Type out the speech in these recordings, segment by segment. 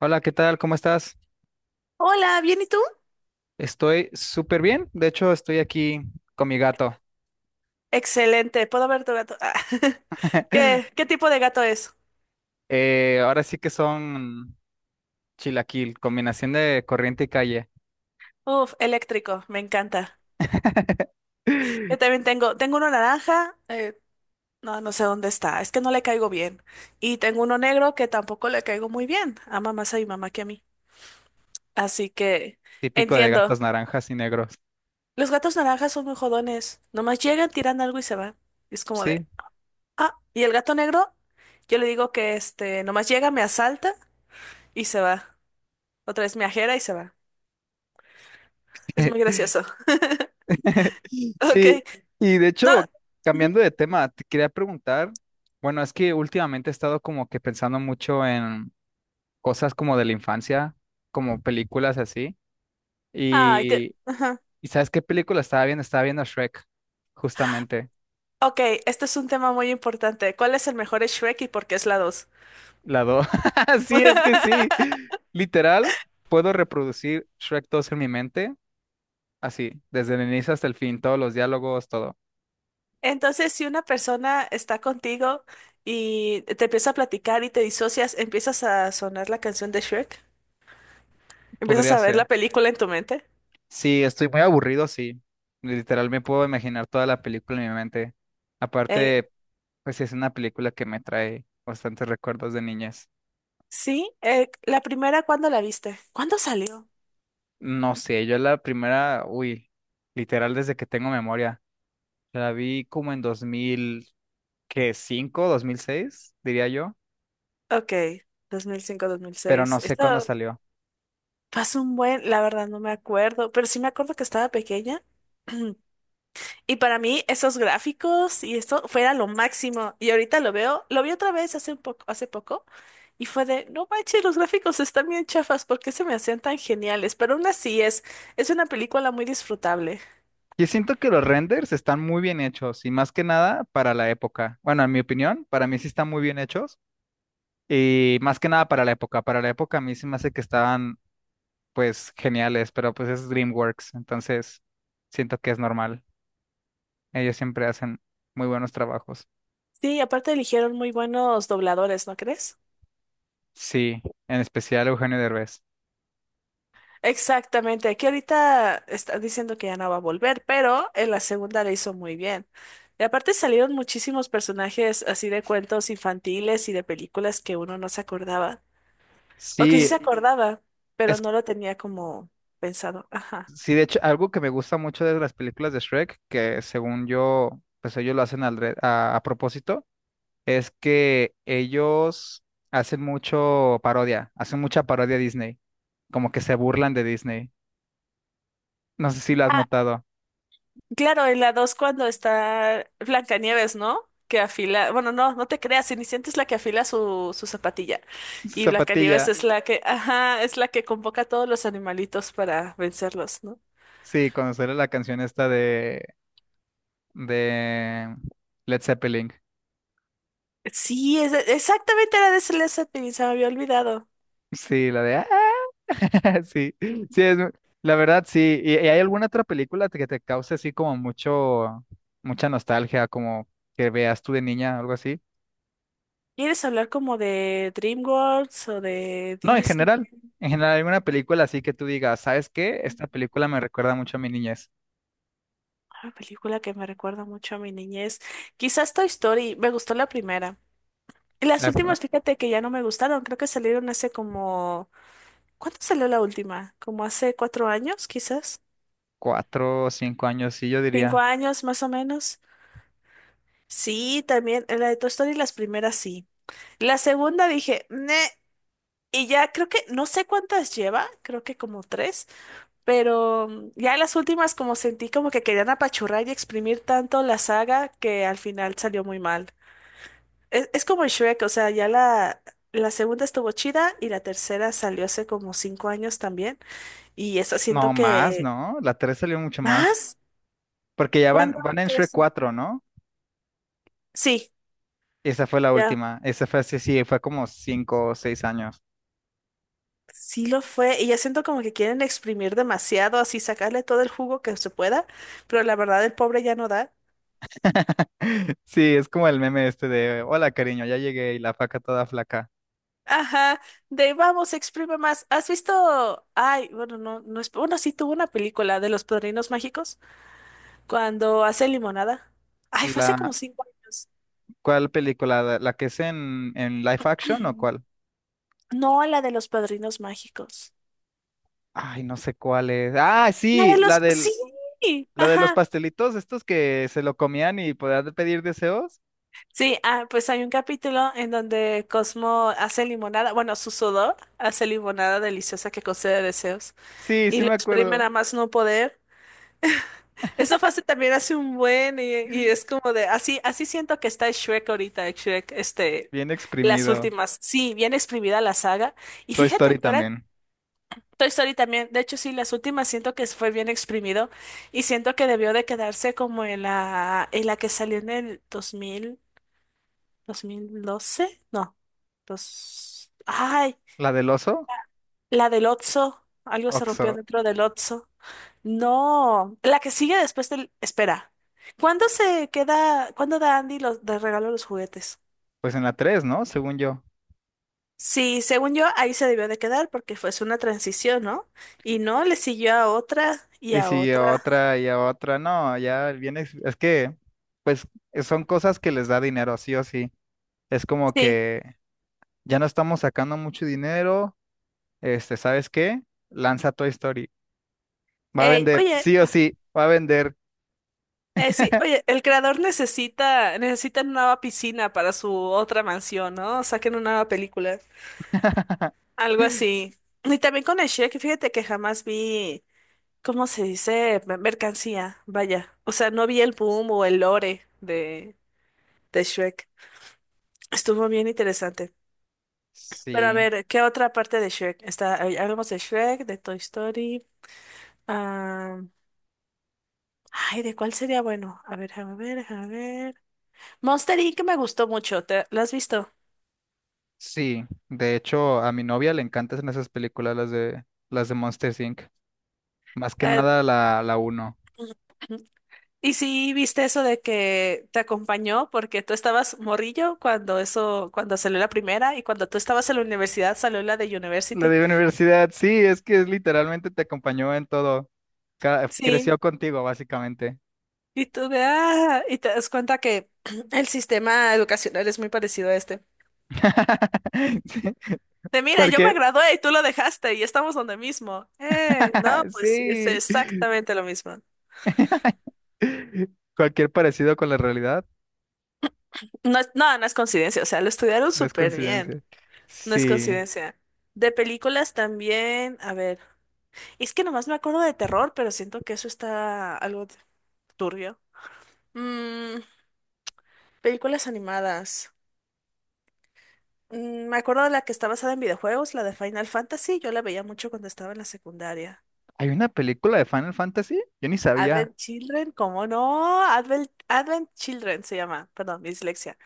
Hola, ¿qué tal? ¿Cómo estás? Hola, ¿bien y tú? Estoy súper bien. De hecho, estoy aquí con mi gato. Excelente, puedo ver tu gato. Ah, ¿Qué tipo de gato es? Ahora sí que son chilaquil, combinación de corriente y calle. Uf, eléctrico, me encanta. Yo también tengo uno naranja, no sé dónde está, es que no le caigo bien. Y tengo uno negro que tampoco le caigo muy bien, ama más a mi mamá que a mí. Así que Típico de entiendo. gatos naranjas y negros. Los gatos naranjas son muy jodones, nomás llegan, tiran algo y se van. Y es como Sí. de, ah, y el gato negro, yo le digo que este, nomás llega, me asalta y se va. Otra vez me ajera y se va. Es muy gracioso. Ok, Sí. Y de no. hecho, Ujú. cambiando de tema, te quería preguntar, bueno, es que últimamente he estado como que pensando mucho en cosas como de la infancia, como películas así. Ay, te... Y ajá. ¿Y sabes qué película estaba viendo? Estaba viendo Shrek, justamente, Ok, este es un tema muy importante. ¿Cuál es el mejor Shrek y por qué es la 2? la dos. Sí, es que sí. Literal, puedo reproducir Shrek dos en mi mente, así, desde el inicio hasta el fin, todos los diálogos, todo. Entonces, si una persona está contigo y te empieza a platicar y te disocias, empiezas a sonar la canción de Shrek, empiezas Podría a ver la ser. película en tu mente. Sí, estoy muy aburrido, sí. Literal, me puedo imaginar toda la película en mi mente. Eh, Aparte, pues sí, es una película que me trae bastantes recuerdos de niñez. sí, la primera, ¿cuándo la viste? ¿Cuándo salió? No sé, yo la primera, uy, literal desde que tengo memoria. La vi como en que cinco 2006 diría yo, Ok, 2005, dos mil pero seis. no sé cuándo Esto salió. pasó un buen, la verdad no me acuerdo, pero sí me acuerdo que estaba pequeña. Y para mí esos gráficos y esto fuera lo máximo. Y ahorita lo veo, lo vi otra vez hace un poco, hace poco y fue de, no manches, los gráficos están bien chafas, ¿por qué se me hacían tan geniales? Pero aún así es una película muy disfrutable. Yo siento que los renders están muy bien hechos y más que nada para la época. Bueno, en mi opinión, para mí sí están muy bien hechos y más que nada para la época. Para la época a mí sí me hace que estaban pues geniales, pero pues es DreamWorks, entonces siento que es normal. Ellos siempre hacen muy buenos trabajos. Sí, aparte eligieron muy buenos dobladores, ¿no crees? Sí, en especial Eugenio Derbez. Exactamente, aquí ahorita están diciendo que ya no va a volver, pero en la segunda le hizo muy bien. Y aparte salieron muchísimos personajes así de cuentos infantiles y de películas que uno no se acordaba. O que sí se Sí, acordaba, pero es. no lo tenía como pensado. Ajá. Sí, de hecho, algo que me gusta mucho de las películas de Shrek, que según yo, pues ellos lo hacen a propósito, es que ellos hacen mucho parodia, hacen mucha parodia a Disney, como que se burlan de Disney. No sé si lo has Ah, notado. claro, en la 2 cuando está Blancanieves, ¿no? Que afila, bueno, no te creas, Cenicienta es la que afila su zapatilla Su y Blancanieves zapatilla, es la que, ajá, es la que convoca a todos los animalitos para vencerlos, ¿no? sí, cuando sale la canción esta de Led Zeppelin. Sí, exactamente era de Celeste Zeppelin, se me había olvidado. Sí, la de... "Ah, sí, sí, es, la verdad, sí. Y hay alguna otra película que te cause así como mucho, mucha nostalgia, como que veas tú de niña, algo así? ¿Quieres hablar como de DreamWorks o de No, Disney? En general, alguna película así que tú digas, ¿sabes qué? Esta película me recuerda mucho a mi niñez. Una película que me recuerda mucho a mi niñez. Quizás Toy Story, me gustó la primera. Las La pr- últimas, fíjate que ya no me gustaron, creo que salieron hace como... ¿Cuándo salió la última? Como hace cuatro años, quizás. cuatro o cinco años, sí, yo Cinco diría. años, más o menos. Sí, también, la de Toy Story, las primeras sí. La segunda dije, "Neh", y ya creo que, no sé cuántas lleva, creo que como tres, pero ya las últimas como sentí como que querían apachurrar y exprimir tanto la saga que al final salió muy mal. Es como en Shrek, o sea, ya la segunda estuvo chida y la tercera salió hace como cinco años también. Y esa No, siento más, que... ¿no? La tres salió mucho más. ¿Más? Porque ya ¿Cuándo van, van en crees Shrek tú? cuatro, ¿no? Sí, Esa fue la ya. última. Esa fue así, sí, fue como cinco o seis años. Sí lo fue. Y ya siento como que quieren exprimir demasiado, así sacarle todo el jugo que se pueda. Pero la verdad, el pobre ya no da. Sí, es como el meme este de, hola cariño, ya llegué y la faca toda flaca. Ajá, de vamos, exprime más. ¿Has visto? Ay, bueno, no es. Bueno, sí tuvo una película de los Padrinos Mágicos cuando hace limonada. Ay, fue hace La, como cinco años. ¿cuál película? ¿La que es en live action, ¿o cuál? No, la de los padrinos mágicos. Ay, no sé cuál es. Ah, La sí, de la los... del, Sí, la de los ajá. pastelitos, estos que se lo comían y podían pedir deseos. Sí, ah, pues hay un capítulo en donde Cosmo hace limonada, bueno, su sudor hace limonada deliciosa que concede deseos Sí, sí y lo me exprime acuerdo. a más no poder. Eso fue hace también hace un buen y es como de, así, así siento que está Shrek ahorita, Shrek, este, Bien las exprimido. últimas. Sí, bien exprimida la saga. Y Toy fíjate Story que ahora también. Toy Story también, de hecho sí, las últimas siento que fue bien exprimido y siento que debió de quedarse como en la que salió en el dos dos mil dos mil doce no, dos, ay, La del oso, la del Otso, algo se Oxo. rompió dentro del Otso, no, la que sigue después del, espera, ¿cuándo se queda, cuándo da Andy los, de regalo los juguetes? Pues en la 3, ¿no? Según yo. Sí, según yo, ahí se debió de quedar porque fue es una transición, ¿no? Y no, le siguió a otra y Y a siguió otra. otra y otra. No, ya bien. Es que, pues, son cosas que les da dinero, sí o sí. Es como Sí, que ya no estamos sacando mucho dinero. Este, ¿sabes qué? Lanza Toy Story. Va a ey, vender, oye, sí o sí, va a vender. Sí, oye, el creador necesita una nueva piscina para su otra mansión, ¿no? Saquen una nueva película, algo así. Y también con el Shrek, fíjate que jamás vi, ¿cómo se dice? Me- mercancía, vaya. O sea, no vi el boom o el lore de Shrek. Estuvo bien interesante. Pero a Sí, ver, ¿qué otra parte de Shrek? Está, ay, hablamos de Shrek, de Toy Story. Ah, ay, ¿de cuál sería bueno? A ver, déjame ver, déjame ver. Monster Inc. me gustó mucho, ¿te, ¿la has visto? sí. De hecho, a mi novia le encantan esas películas, las de Monsters Inc. Más que Eh, nada la, la uno. y sí, viste eso de que te acompañó porque tú estabas morrillo cuando eso, cuando salió la primera y cuando tú estabas en la universidad salió la de La University. de universidad, sí, es que es literalmente te acompañó en todo. Sí, Creció contigo, básicamente. y tú de ah, y te das cuenta que el sistema educacional es muy parecido a este. Sí, De mira, yo me cualquier, gradué y tú lo dejaste y estamos donde mismo. No, pues sí, es sí, exactamente lo mismo. cualquier parecido con la realidad No, no, no es coincidencia, o sea, lo estudiaron no es súper bien. coincidencia. No es Sí. coincidencia. De películas también, a ver, es que nomás me acuerdo de terror, pero siento que eso está algo turbio. Mm, películas animadas. Me acuerdo de la que está basada en videojuegos, la de Final Fantasy, yo la veía mucho cuando estaba en la secundaria. Hay una película de Final Fantasy. Yo ni sabía. Advent Children, ¿cómo no? Advent Children se llama, perdón, mi dislexia.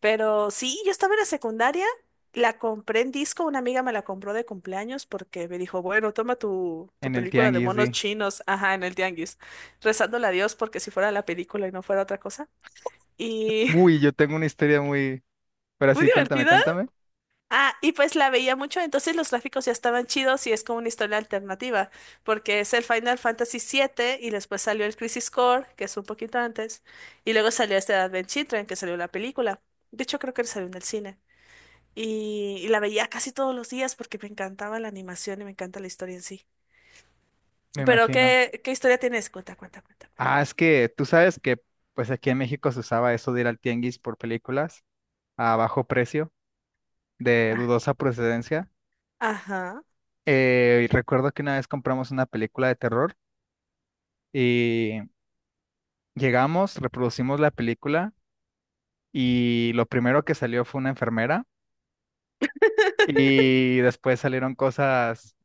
Pero sí, yo estaba en la secundaria, la compré en disco, una amiga me la compró de cumpleaños porque me dijo, bueno, toma tu En el película de tianguis, monos sí. chinos, ajá, en el tianguis, rezándole a Dios porque si fuera la película y no fuera otra cosa. Y Uy, yo tengo una historia muy... Pero muy sí, cuéntame, divertida. cuéntame. Ah, y pues la veía mucho, entonces los gráficos ya estaban chidos y es como una historia alternativa, porque es el Final Fantasy siete y después salió el Crisis Core, que es un poquito antes, y luego salió este Advent Children, que salió la película. De hecho, creo que salió en el cine. Y la veía casi todos los días porque me encantaba la animación y me encanta la historia en sí. Me Pero imagino. ¿qué historia tienes? Cuenta, cuenta, cuenta, cuenta. Ah, es que tú sabes que pues aquí en México se usaba eso de ir al tianguis por películas a bajo precio, de Ah, dudosa procedencia. ajá. Y recuerdo que una vez compramos una película de terror y llegamos, reproducimos la película y lo primero que salió fue una enfermera. Y después salieron cosas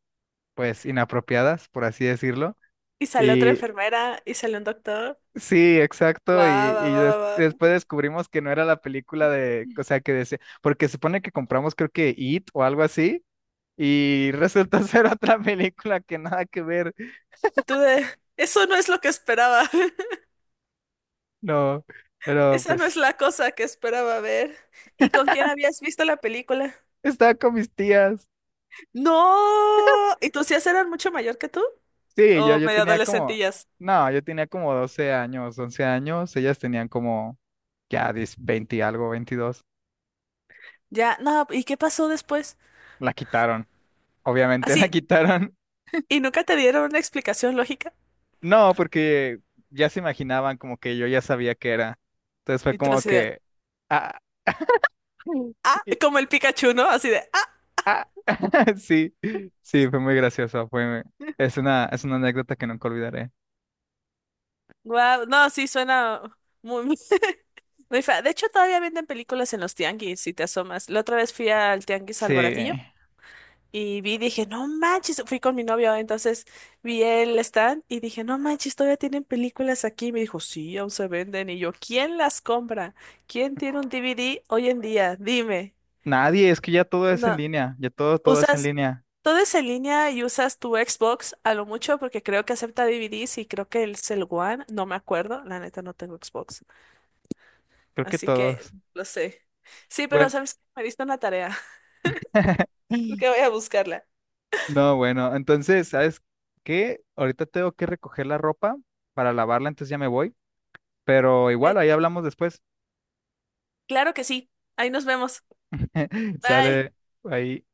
pues inapropiadas, por así decirlo. Y sale otra Y enfermera y sale un doctor. sí, exacto. Va, va, Y va, va, va. después descubrimos que no era la película de, o sea, que decía, porque supone que compramos creo que It o algo así, y resultó ser otra película que nada que ver. Y tú de, eso no es lo que esperaba. No, pero Esa no es pues la cosa que esperaba ver. ¿Y con quién habías visto la película? estaba con mis tías. No. ¿Y tus tías eran mucho mayor que tú? Sí, yo, ¿O yo medio tenía como, adolescentillas? no, yo tenía como 12 años, 11 años, ellas tenían como ya 10, 20 y algo, 22. Ya, no, ¿y qué pasó después? La quitaron, obviamente, la Así, quitaron. ¿y nunca te dieron una explicación lógica? No, porque ya se imaginaban como que yo ya sabía que era. Entonces fue Y tú como así de, que... Ah, ah, y- como el Pikachu, ¿no? Así de, ah, ah, sí, sí, fue muy gracioso. Fue, es una anécdota que nunca olvidaré. wow, no, sí, suena muy, muy, muy fea. De hecho, todavía venden películas en los tianguis, si te asomas. La otra vez fui al tianguis Sí, al Baratillo y vi, dije, no manches, fui con mi novio, entonces vi el stand y dije, no manches, todavía tienen películas aquí. Y me dijo, sí, aún se venden. Y yo, ¿quién las compra? ¿Quién tiene un DVD hoy en día? Dime. nadie, es que ya todo es en No, línea, ya todo, todo es en ¿usas, línea. todo es en línea y usas tu Xbox a lo mucho porque creo que acepta DVDs y creo que el Cell One, no me acuerdo, la neta no tengo Xbox, Creo que así que todos. lo sé. Sí, pero Bueno, sabes que me diste una tarea, que voy a buscarla. no, bueno, entonces, ¿sabes qué? Ahorita tengo que recoger la ropa para lavarla, entonces ya me voy. Pero Ok, igual, ahí hablamos después. claro que sí, ahí nos vemos. Bye. Sale ahí.